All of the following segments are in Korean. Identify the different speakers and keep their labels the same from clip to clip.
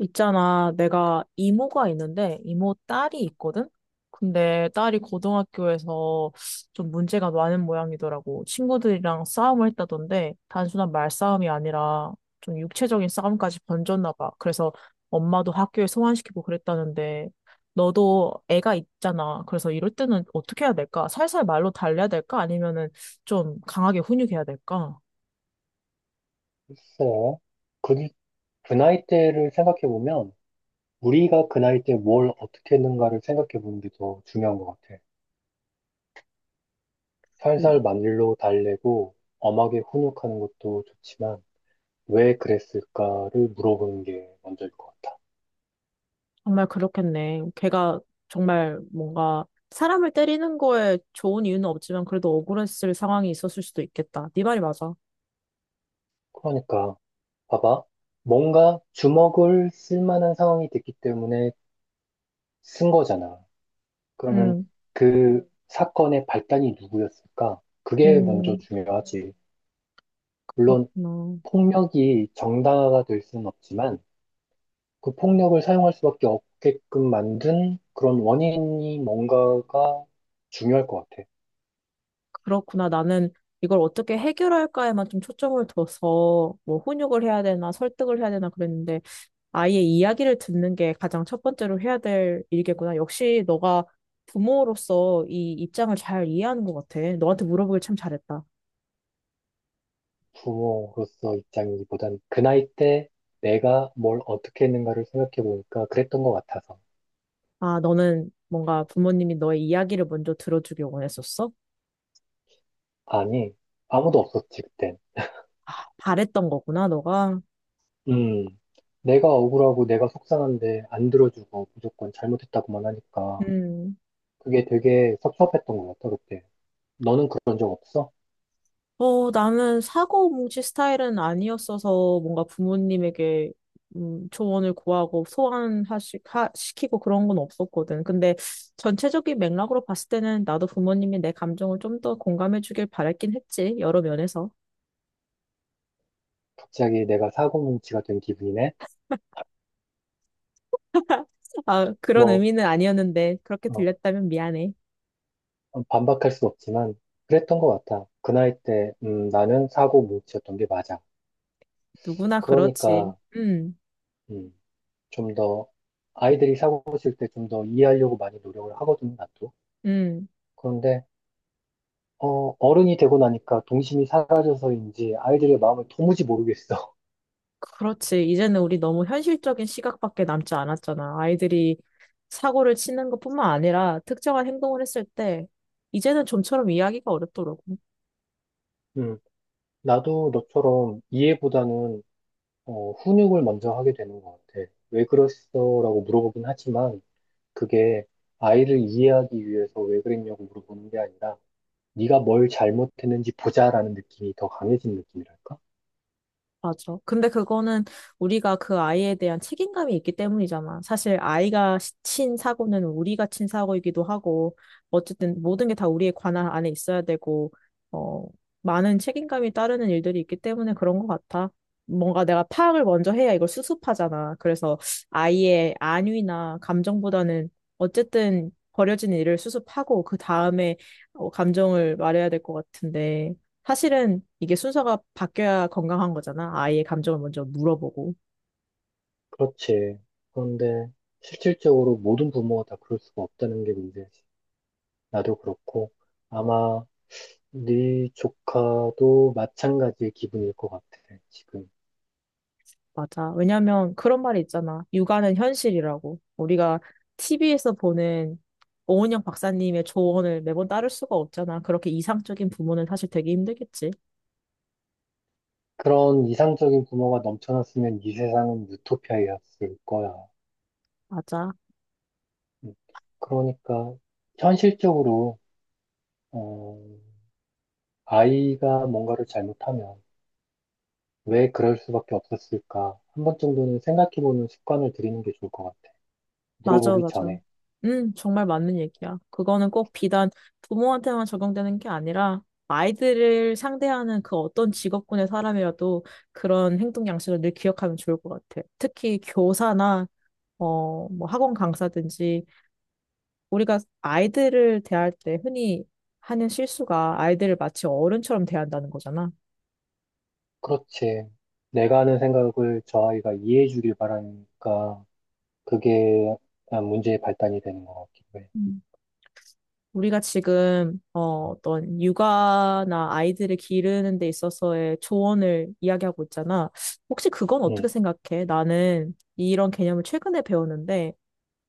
Speaker 1: 있잖아, 내가 이모가 있는데, 이모 딸이 있거든? 근데 딸이 고등학교에서 좀 문제가 많은 모양이더라고. 친구들이랑 싸움을 했다던데, 단순한 말싸움이 아니라 좀 육체적인 싸움까지 번졌나 봐. 그래서 엄마도 학교에 소환시키고 그랬다는데, 너도 애가 있잖아. 그래서 이럴 때는 어떻게 해야 될까? 살살 말로 달래야 될까? 아니면은 좀 강하게 훈육해야 될까?
Speaker 2: 글쎄요. 그, 그 나이대를 생각해보면, 우리가 그 나이대 뭘 어떻게 했는가를 생각해보는 게 더 중요한 것 같아. 살살 만릴로 달래고, 엄하게 훈육하는 것도 좋지만, 왜 그랬을까를 물어보는 게 먼저일 것 같아.
Speaker 1: 정말 그렇겠네. 걔가 정말 뭔가 사람을 때리는 거에 좋은 이유는 없지만 그래도 억울했을 상황이 있었을 수도 있겠다. 네 말이 맞아.
Speaker 2: 그러니까, 봐봐. 뭔가 주먹을 쓸 만한 상황이 됐기 때문에 쓴 거잖아. 그러면
Speaker 1: 음,
Speaker 2: 그 사건의 발단이 누구였을까? 그게 먼저
Speaker 1: 음,
Speaker 2: 중요하지. 물론,
Speaker 1: 그렇구나.
Speaker 2: 폭력이 정당화가 될 수는 없지만 그 폭력을 사용할 수밖에 없게끔 만든 그런 원인이 뭔가가 중요할 것 같아.
Speaker 1: 그렇구나. 나는 이걸 어떻게 해결할까에만 좀 초점을 둬서 뭐 훈육을 해야 되나 설득을 해야 되나 그랬는데 아이의 이야기를 듣는 게 가장 첫 번째로 해야 될 일이겠구나. 역시 너가 부모로서 이 입장을 잘 이해하는 것 같아. 너한테 물어보길 참 잘했다.
Speaker 2: 부모로서 입장이기보단 그 나이 때 내가 뭘 어떻게 했는가를 생각해 보니까 그랬던 것 같아서.
Speaker 1: 아, 너는 뭔가 부모님이 너의 이야기를 먼저 들어주길 원했었어?
Speaker 2: 아니, 아무도 없었지, 그땐.
Speaker 1: 아, 바랬던 거구나, 너가.
Speaker 2: 음, 내가 억울하고 내가 속상한데 안 들어주고 무조건 잘못했다고만 하니까
Speaker 1: 음.
Speaker 2: 그게 되게 섭섭했던 것 같아, 그때. 너는 그런 적 없어?
Speaker 1: 어, 나는 사고 뭉치 스타일은 아니었어서 뭔가 부모님에게 조언을 구하고 시키고 그런 건 없었거든. 근데 전체적인 맥락으로 봤을 때는 나도 부모님이 내 감정을 좀 더 공감해 주길 바랬긴 했지, 여러 면에서.
Speaker 2: 갑자기 내가 사고뭉치가 된 기분이네?
Speaker 1: 아, 그런
Speaker 2: 뭐,
Speaker 1: 의미는 아니었는데, 그렇게
Speaker 2: 어,
Speaker 1: 들렸다면 미안해.
Speaker 2: 반박할 수 없지만, 그랬던 것 같아. 그 나이 때, 나는 사고 못치었던 게 맞아.
Speaker 1: 누구나 그렇지.
Speaker 2: 그러니까, 음, 좀 더, 아이들이 사고 칠 때 좀 더 이해하려고 많이 노력을 하거든, 나도.
Speaker 1: 음.
Speaker 2: 그런데, 어른이 되고 나니까 동심이 사라져서인지 아이들의 마음을 도무지 모르겠어.
Speaker 1: 그렇지. 이제는 우리 너무 현실적인 시각밖에 남지 않았잖아. 아이들이 사고를 치는 것뿐만 아니라 특정한 행동을 했을 때 이제는 좀처럼 이해하기가 어렵더라고.
Speaker 2: 음, 나도 너처럼 이해보다는, 훈육을 먼저 하게 되는 것 같아. 왜 그랬어? 라고 물어보긴 하지만, 그게 아이를 이해하기 위해서 왜 그랬냐고 물어보는 게 아니라, 네가 뭘 잘못했는지 보자라는 느낌이 더 강해진 느낌이랄까?
Speaker 1: 맞아. 근데 그거는 우리가 그 아이에 대한 책임감이 있기 때문이잖아. 사실 아이가 친 사고는 우리가 친 사고이기도 하고, 어쨌든 모든 게 다 우리의 관할 안에 있어야 되고, 어, 많은 책임감이 따르는 일들이 있기 때문에 그런 것 같아. 뭔가 내가 파악을 먼저 해야 이걸 수습하잖아. 그래서 아이의 안위나 감정보다는 어쨌든 버려진 일을 수습하고, 그 다음에 감정을 말해야 될 것 같은데. 사실은 이게 순서가 바뀌어야 건강한 거잖아. 아이의 감정을 먼저 물어보고.
Speaker 2: 그렇지. 그런데 실질적으로 모든 부모가 다 그럴 수가 없다는 게 문제지. 나도 그렇고 아마 네 조카도 마찬가지의 기분일 것 같아, 지금.
Speaker 1: 맞아. 왜냐면 그런 말이 있잖아. 육아는 현실이라고. 우리가 TV에서 보는 오은영 박사님의 조언을 매번 따를 수가 없잖아. 그렇게 이상적인 부모는 사실 되게 힘들겠지.
Speaker 2: 그런 이상적인 부모가 넘쳐났으면 이 세상은 유토피아였을 거야.
Speaker 1: 맞아.
Speaker 2: 음, 그러니까 현실적으로 어, 아이가 뭔가를 잘못하면 왜 그럴 수밖에 없었을까? 한 번 정도는 생각해보는 습관을 들이는 게 좋을 것 같아.
Speaker 1: 맞아,
Speaker 2: 물어보기
Speaker 1: 맞아.
Speaker 2: 전에.
Speaker 1: 정말 맞는 얘기야. 그거는 꼭 비단 부모한테만 적용되는 게 아니라 아이들을 상대하는 그 어떤 직업군의 사람이라도 그런 행동 양식을 늘 기억하면 좋을 것 같아. 특히 교사나 뭐 학원 강사든지 우리가 아이들을 대할 때 흔히 하는 실수가 아이들을 마치 어른처럼 대한다는 거잖아.
Speaker 2: 그렇지. 내가 하는 생각을 저 아이가 이해해 주길 바라니까 그게 문제의 발단이 되는 것 같기도 해.
Speaker 1: 우리가 지금 어떤 육아나 아이들을 기르는 데 있어서의 조언을 이야기하고 있잖아. 혹시 그건 어떻게
Speaker 2: 응.
Speaker 1: 생각해? 나는 이런 개념을 최근에 배웠는데,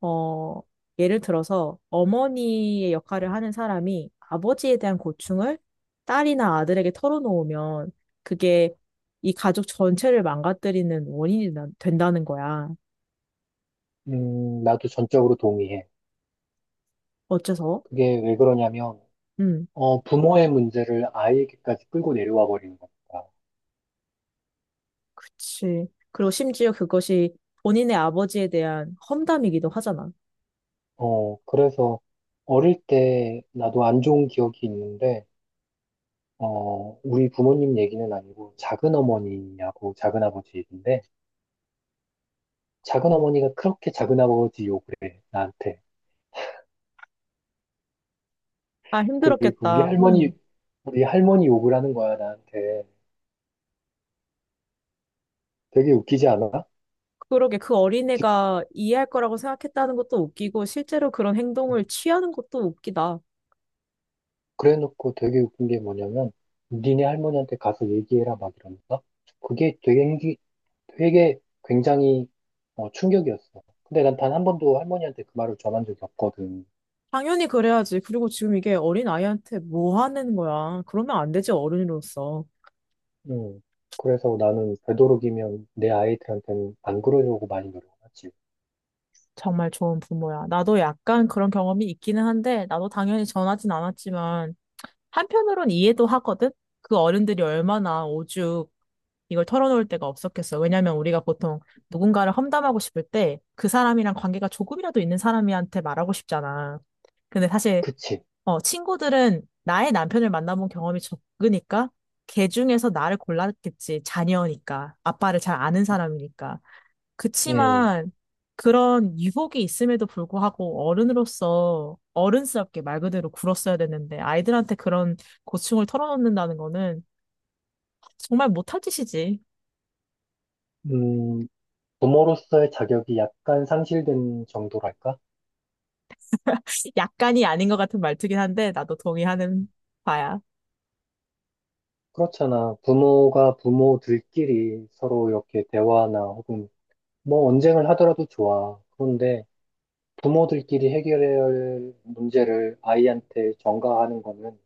Speaker 1: 어, 예를 들어서 어머니의 역할을 하는 사람이 아버지에 대한 고충을 딸이나 아들에게 털어놓으면 그게 이 가족 전체를 망가뜨리는 원인이 된다는 거야.
Speaker 2: 나도 전적으로 동의해.
Speaker 1: 어째서?
Speaker 2: 그게 왜 그러냐면,
Speaker 1: 음.
Speaker 2: 부모의 문제를 아이에게까지 끌고 내려와 버리는 거니까.
Speaker 1: 그치. 그리고 심지어 그것이 본인의 아버지에 대한 험담이기도 하잖아.
Speaker 2: 그래서 어릴 때 나도 안 좋은 기억이 있는데, 우리 부모님 얘기는 아니고 작은 어머니하고 작은 아버지 얘기인데 작은 어머니가 그렇게 작은 아버지 욕을 해, 나한테.
Speaker 1: 아,
Speaker 2: 그리고 우리
Speaker 1: 힘들었겠다.
Speaker 2: 할머니
Speaker 1: 음.
Speaker 2: 우리 할머니 욕을 하는 거야, 나한테. 되게 웃기지 않아?
Speaker 1: 그러게 그 어린애가 이해할 거라고 생각했다는 것도 웃기고 실제로 그런 행동을 취하는 것도 웃기다.
Speaker 2: 그래 놓고 되게 웃긴 게 뭐냐면 니네 할머니한테 가서 얘기해라 막 이러면서, 그게 되게 되게 굉장히 충격이었어. 근데 난 단 한 번도 할머니한테 그 말을 전한 적이 없거든.
Speaker 1: 당연히 그래야지. 그리고 지금 이게 어린 아이한테 뭐 하는 거야. 그러면 안 되지, 어른으로서.
Speaker 2: 음. 그래서 나는 되도록이면 내 아이들한테는 안 그러려고 많이 노력하지.
Speaker 1: 정말 좋은 부모야. 나도 약간 그런 경험이 있기는 한데, 나도 당연히 전하진 않았지만, 한편으론 이해도 하거든? 그 어른들이 얼마나 오죽 이걸 털어놓을 데가 없었겠어. 왜냐면 우리가 보통 누군가를 험담하고 싶을 때 그 사람이랑 관계가 조금이라도 있는 사람한테 말하고 싶잖아. 근데 사실
Speaker 2: 그치?
Speaker 1: 친구들은 나의 남편을 만나본 경험이 적으니까 걔 중에서 나를 골랐겠지. 자녀니까. 아빠를 잘 아는 사람이니까.
Speaker 2: 음,
Speaker 1: 그치만 그런 유혹이 있음에도 불구하고 어른으로서 어른스럽게 말 그대로 굴었어야 되는데 아이들한테 그런 고충을 털어놓는다는 거는 정말 못할 짓이지.
Speaker 2: 음, 부모로서의 자격이 약간 상실된 정도랄까?
Speaker 1: 약간이 아닌 것 같은 말투긴 한데, 나도 동의하는 바야.
Speaker 2: 그렇잖아. 부모가 부모들끼리 서로 이렇게 대화나 혹은 뭐 언쟁을 하더라도 좋아. 그런데 부모들끼리 해결해야 할 문제를 아이한테 전가하는 거는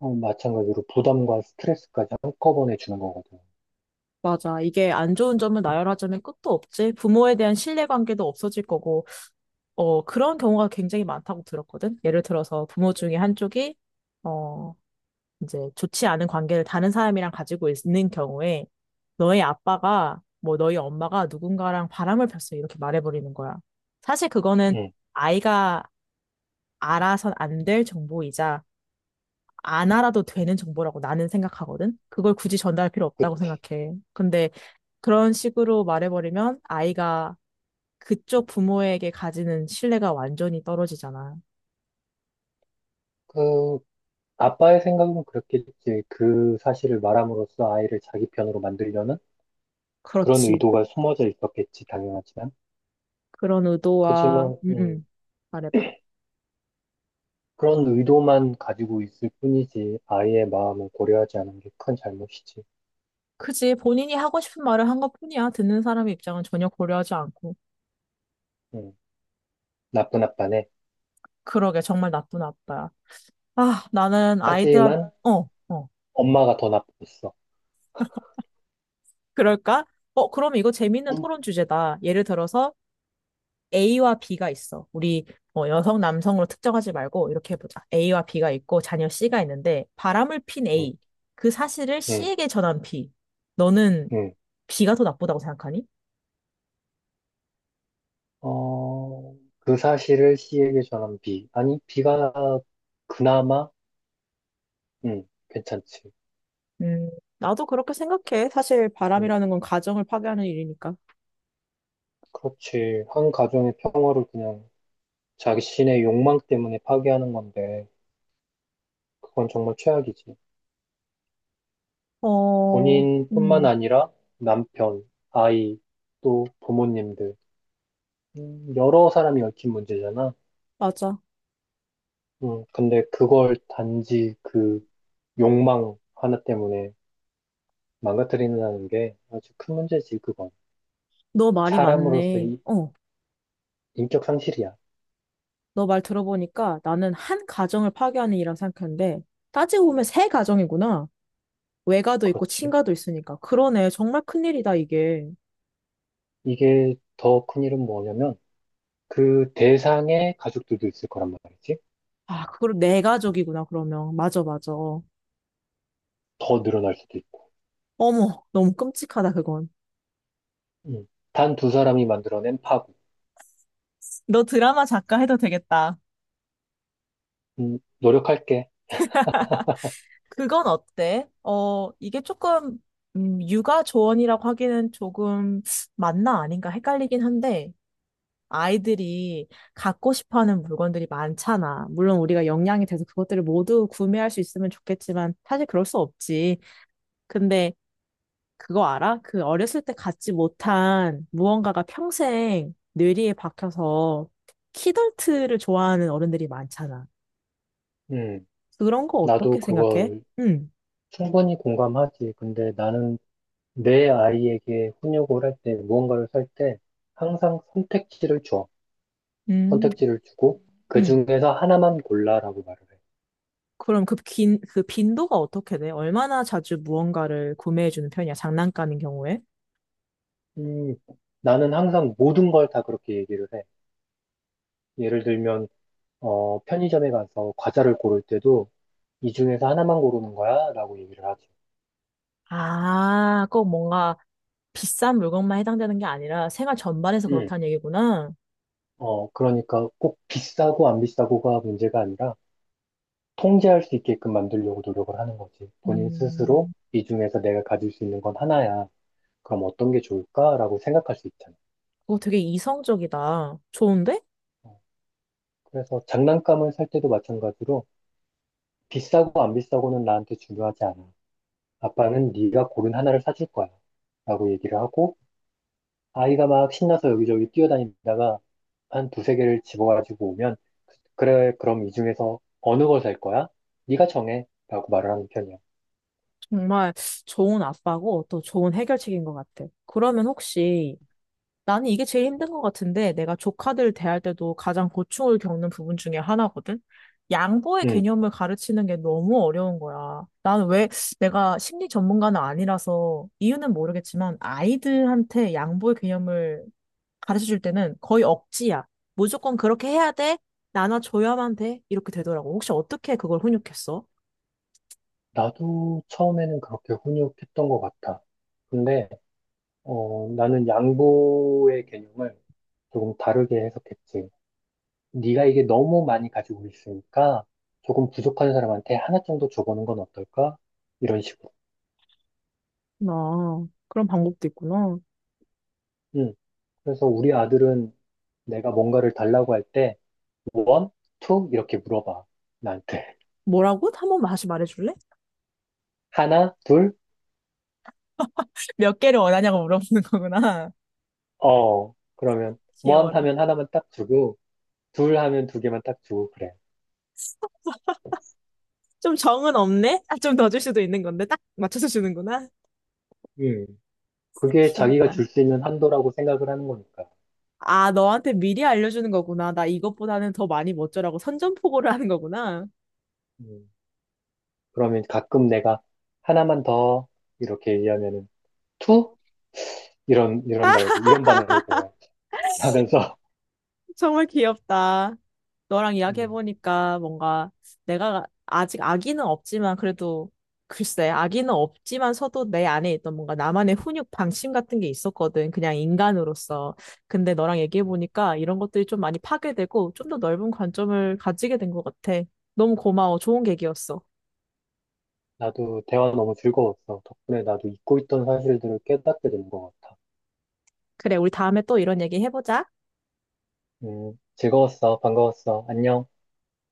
Speaker 2: 마찬가지로 부담과 스트레스까지 한꺼번에 주는 거거든.
Speaker 1: 맞아. 이게 안 좋은 점을 나열하자면 끝도 없지. 부모에 대한 신뢰관계도 없어질 거고, 그런 경우가 굉장히 많다고 들었거든. 예를 들어서 부모 중에 한쪽이, 어, 이제 좋지 않은 관계를 다른 사람이랑 가지고 있는 경우에, 너의 아빠가, 뭐 너희 엄마가 누군가랑 바람을 폈어. 이렇게 말해버리는 거야. 사실 그거는
Speaker 2: 음.
Speaker 1: 아이가 알아선 안 될 정보이자, 안 알아도 되는 정보라고 나는 생각하거든? 그걸 굳이 전달할 필요
Speaker 2: 그,
Speaker 1: 없다고 생각해. 근데 그런 식으로 말해버리면 아이가 그쪽 부모에게 가지는 신뢰가 완전히 떨어지잖아.
Speaker 2: 그, 아빠의 생각은 그렇겠지. 그 사실을 말함으로써 아이를 자기 편으로 만들려는 그런
Speaker 1: 그렇지.
Speaker 2: 의도가 숨어져 있었겠지, 당연하지만.
Speaker 1: 그런 의도와,
Speaker 2: 그지만,
Speaker 1: 음, 음. 말해봐.
Speaker 2: 그런 의도만 가지고 있을 뿐이지, 아이의 마음을 고려하지 않은 게 큰 잘못이지.
Speaker 1: 그지. 본인이 하고 싶은 말을 한 것뿐이야. 듣는 사람의 입장은 전혀 고려하지 않고.
Speaker 2: 음, 나쁜 아빠네.
Speaker 1: 그러게, 정말 나쁜 아빠야. 아, 나는 아이들한,
Speaker 2: 하지만,
Speaker 1: 어, 어.
Speaker 2: 엄마가 더 나빴어.
Speaker 1: 그럴까? 그럼 이거 재밌는
Speaker 2: 엄,
Speaker 1: 토론 주제다. 예를 들어서, A와 B가 있어. 우리 여성, 남성으로 특정하지 말고 이렇게 해보자. A와 B가 있고 자녀 C가 있는데 바람을 핀
Speaker 2: 음,
Speaker 1: A. 그 사실을
Speaker 2: 음,
Speaker 1: C에게 전한 B. 너는
Speaker 2: 음.
Speaker 1: B가 더 나쁘다고 생각하니?
Speaker 2: 그 사실을 C에게 전한 B. 아니, B가 그나마, 괜찮지.
Speaker 1: 음, 나도 그렇게 생각해. 사실
Speaker 2: 음,
Speaker 1: 바람이라는 건 가정을 파괴하는 일이니까.
Speaker 2: 그렇지. 한 가정의 평화를 그냥 자신의 욕망 때문에 파기하는 건데, 그건 정말 최악이지.
Speaker 1: 어,
Speaker 2: 본인뿐만
Speaker 1: 음,
Speaker 2: 아니라 남편, 아이, 또 부모님들, 여러 사람이 얽힌 문제잖아.
Speaker 1: 맞아.
Speaker 2: 근데 그걸 단지 그 욕망 하나 때문에 망가뜨린다는 게 아주 큰 문제지, 그건.
Speaker 1: 너 말이
Speaker 2: 사람으로서
Speaker 1: 맞네.
Speaker 2: 이 인격 상실이야.
Speaker 1: 너 말 들어보니까 나는 한 가정을 파괴하는 일이라 생각했는데, 따지고 보면 세 가정이구나. 외가도 있고
Speaker 2: 그렇지.
Speaker 1: 친가도 있으니까. 그러네. 정말 큰일이다, 이게.
Speaker 2: 이게 더 큰 일은 뭐냐면, 그 대상의 가족들도 있을 거란 말이지.
Speaker 1: 아, 그걸 내 가족이구나, 그러면. 맞아, 맞아.
Speaker 2: 더 늘어날 수도 있고.
Speaker 1: 어머, 너무 끔찍하다, 그건.
Speaker 2: 음. 단 두 사람이 만들어낸 파국.
Speaker 1: 너 드라마 작가 해도 되겠다.
Speaker 2: 노력할게.
Speaker 1: 그건 어때? 이게 조금, 육아 조언이라고 하기는 조금 맞나 아닌가 헷갈리긴 한데, 아이들이 갖고 싶어 하는 물건들이 많잖아. 물론 우리가 역량이 돼서 그것들을 모두 구매할 수 있으면 좋겠지만, 사실 그럴 수 없지. 근데 그거 알아? 그 어렸을 때 갖지 못한 무언가가 평생 뇌리에 박혀서 키덜트를 좋아하는 어른들이 많잖아.
Speaker 2: 음,
Speaker 1: 그런 거
Speaker 2: 나도
Speaker 1: 어떻게 생각해?
Speaker 2: 그걸
Speaker 1: 응,
Speaker 2: 충분히 공감하지. 근데 나는 내 아이에게 훈육을 할 때, 무언가를 살 때, 항상 선택지를 줘.
Speaker 1: 음,
Speaker 2: 선택지를 주고, 그
Speaker 1: 응.
Speaker 2: 중에서 하나만 골라라고 말을 해.
Speaker 1: 그럼 그 빈도가 어떻게 돼? 얼마나 자주 무언가를 구매해주는 편이야? 장난감인 경우에?
Speaker 2: 음, 나는 항상 모든 걸 다 그렇게 얘기를 해. 예를 들면, 편의점에 가서 과자를 고를 때도, 이 중에서 하나만 고르는 거야? 라고 얘기를 하지.
Speaker 1: 아, 꼭 뭔가 비싼 물건만 해당되는 게 아니라 생활 전반에서 그렇다는 얘기구나.
Speaker 2: 그러니까 꼭 비싸고 안 비싸고가 문제가 아니라 통제할 수 있게끔 만들려고 노력을 하는 거지. 본인 스스로
Speaker 1: 음,
Speaker 2: 이 중에서 내가 가질 수 있는 건 하나야. 그럼 어떤 게 좋을까라고 생각할 수 있잖아.
Speaker 1: 그거 되게 이성적이다. 좋은데?
Speaker 2: 어, 그래서 장난감을 살 때도 마찬가지로 비싸고 안 비싸고는 나한테 중요하지 않아. 아빠는 네가 고른 하나를 사줄 거야. 라고 얘기를 하고 아이가 막 신나서 여기저기 뛰어다니다가 한 두세 개를 집어가지고 오면 그래 그럼 이 중에서 어느 걸 살 거야? 네가 정해 라고 말을 하는 편이야.
Speaker 1: 정말 좋은 아빠고 또 좋은 해결책인 것 같아. 그러면 혹시 나는 이게 제일 힘든 것 같은데 내가 조카들 대할 때도 가장 고충을 겪는 부분 중에 하나거든? 양보의
Speaker 2: 응.
Speaker 1: 개념을 가르치는 게 너무 어려운 거야. 나는 왜 내가 심리 전문가는 아니라서 이유는 모르겠지만 아이들한테 양보의 개념을 가르쳐 줄 때는 거의 억지야. 무조건 그렇게 해야 돼. 나눠줘야만 돼. 이렇게 되더라고. 혹시 어떻게 그걸 훈육했어?
Speaker 2: 나도 처음에는 그렇게 훈육했던 것 같아. 근데 나는 양보의 개념을 조금 다르게 해석했지. 네가 이게 너무 많이 가지고 있으니까 조금 부족한 사람한테 하나 정도 줘보는 건 어떨까? 이런 식으로.
Speaker 1: 아, 그런 방법도 있구나.
Speaker 2: 응. 그래서 우리 아들은 내가 뭔가를 달라고 할때 원, 투 이렇게 물어봐. 나한테.
Speaker 1: 뭐라고? 한번 다시 말해줄래?
Speaker 2: 하나, 둘,
Speaker 1: 몇 개를 원하냐고 물어보는 거구나.
Speaker 2: 어. 그러면 원
Speaker 1: 귀여워라.
Speaker 2: 하면 하나만 딱 주고 둘 하면 두 개만 딱 주고 그래.
Speaker 1: 좀 정은 없네? 아, 좀 더 줄 수도 있는 건데. 딱 맞춰서 주는구나.
Speaker 2: 음. 그게 자기가
Speaker 1: 귀엽다.
Speaker 2: 줄 수 있는 한도라고 생각을 하는 거니까.
Speaker 1: 아, 너한테 미리 알려주는 거구나. 나 이것보다는 더 많이 멋져라고 선전포고를 하는 거구나.
Speaker 2: 음. 그러면 가끔 내가 하나만 더 이렇게 얘기하면은 투 이런다고 이런 반응을 보여. 하면서
Speaker 1: 정말 귀엽다. 너랑
Speaker 2: 음,
Speaker 1: 이야기해보니까 뭔가 내가 아직 아기는 없지만 그래도 글쎄, 아기는 없지만서도 내 안에 있던 뭔가 나만의 훈육 방침 같은 게 있었거든. 그냥 인간으로서. 근데 너랑
Speaker 2: 음.
Speaker 1: 얘기해보니까 이런 것들이 좀 많이 파괴되고 좀 더 넓은 관점을 가지게 된 것 같아. 너무 고마워. 좋은 계기였어.
Speaker 2: 나도 대화 너무 즐거웠어. 덕분에 나도 잊고 있던 사실들을 깨닫게 된 것 같아.
Speaker 1: 그래, 우리 다음에 또 이런 얘기 해보자.
Speaker 2: 즐거웠어. 반가웠어. 안녕.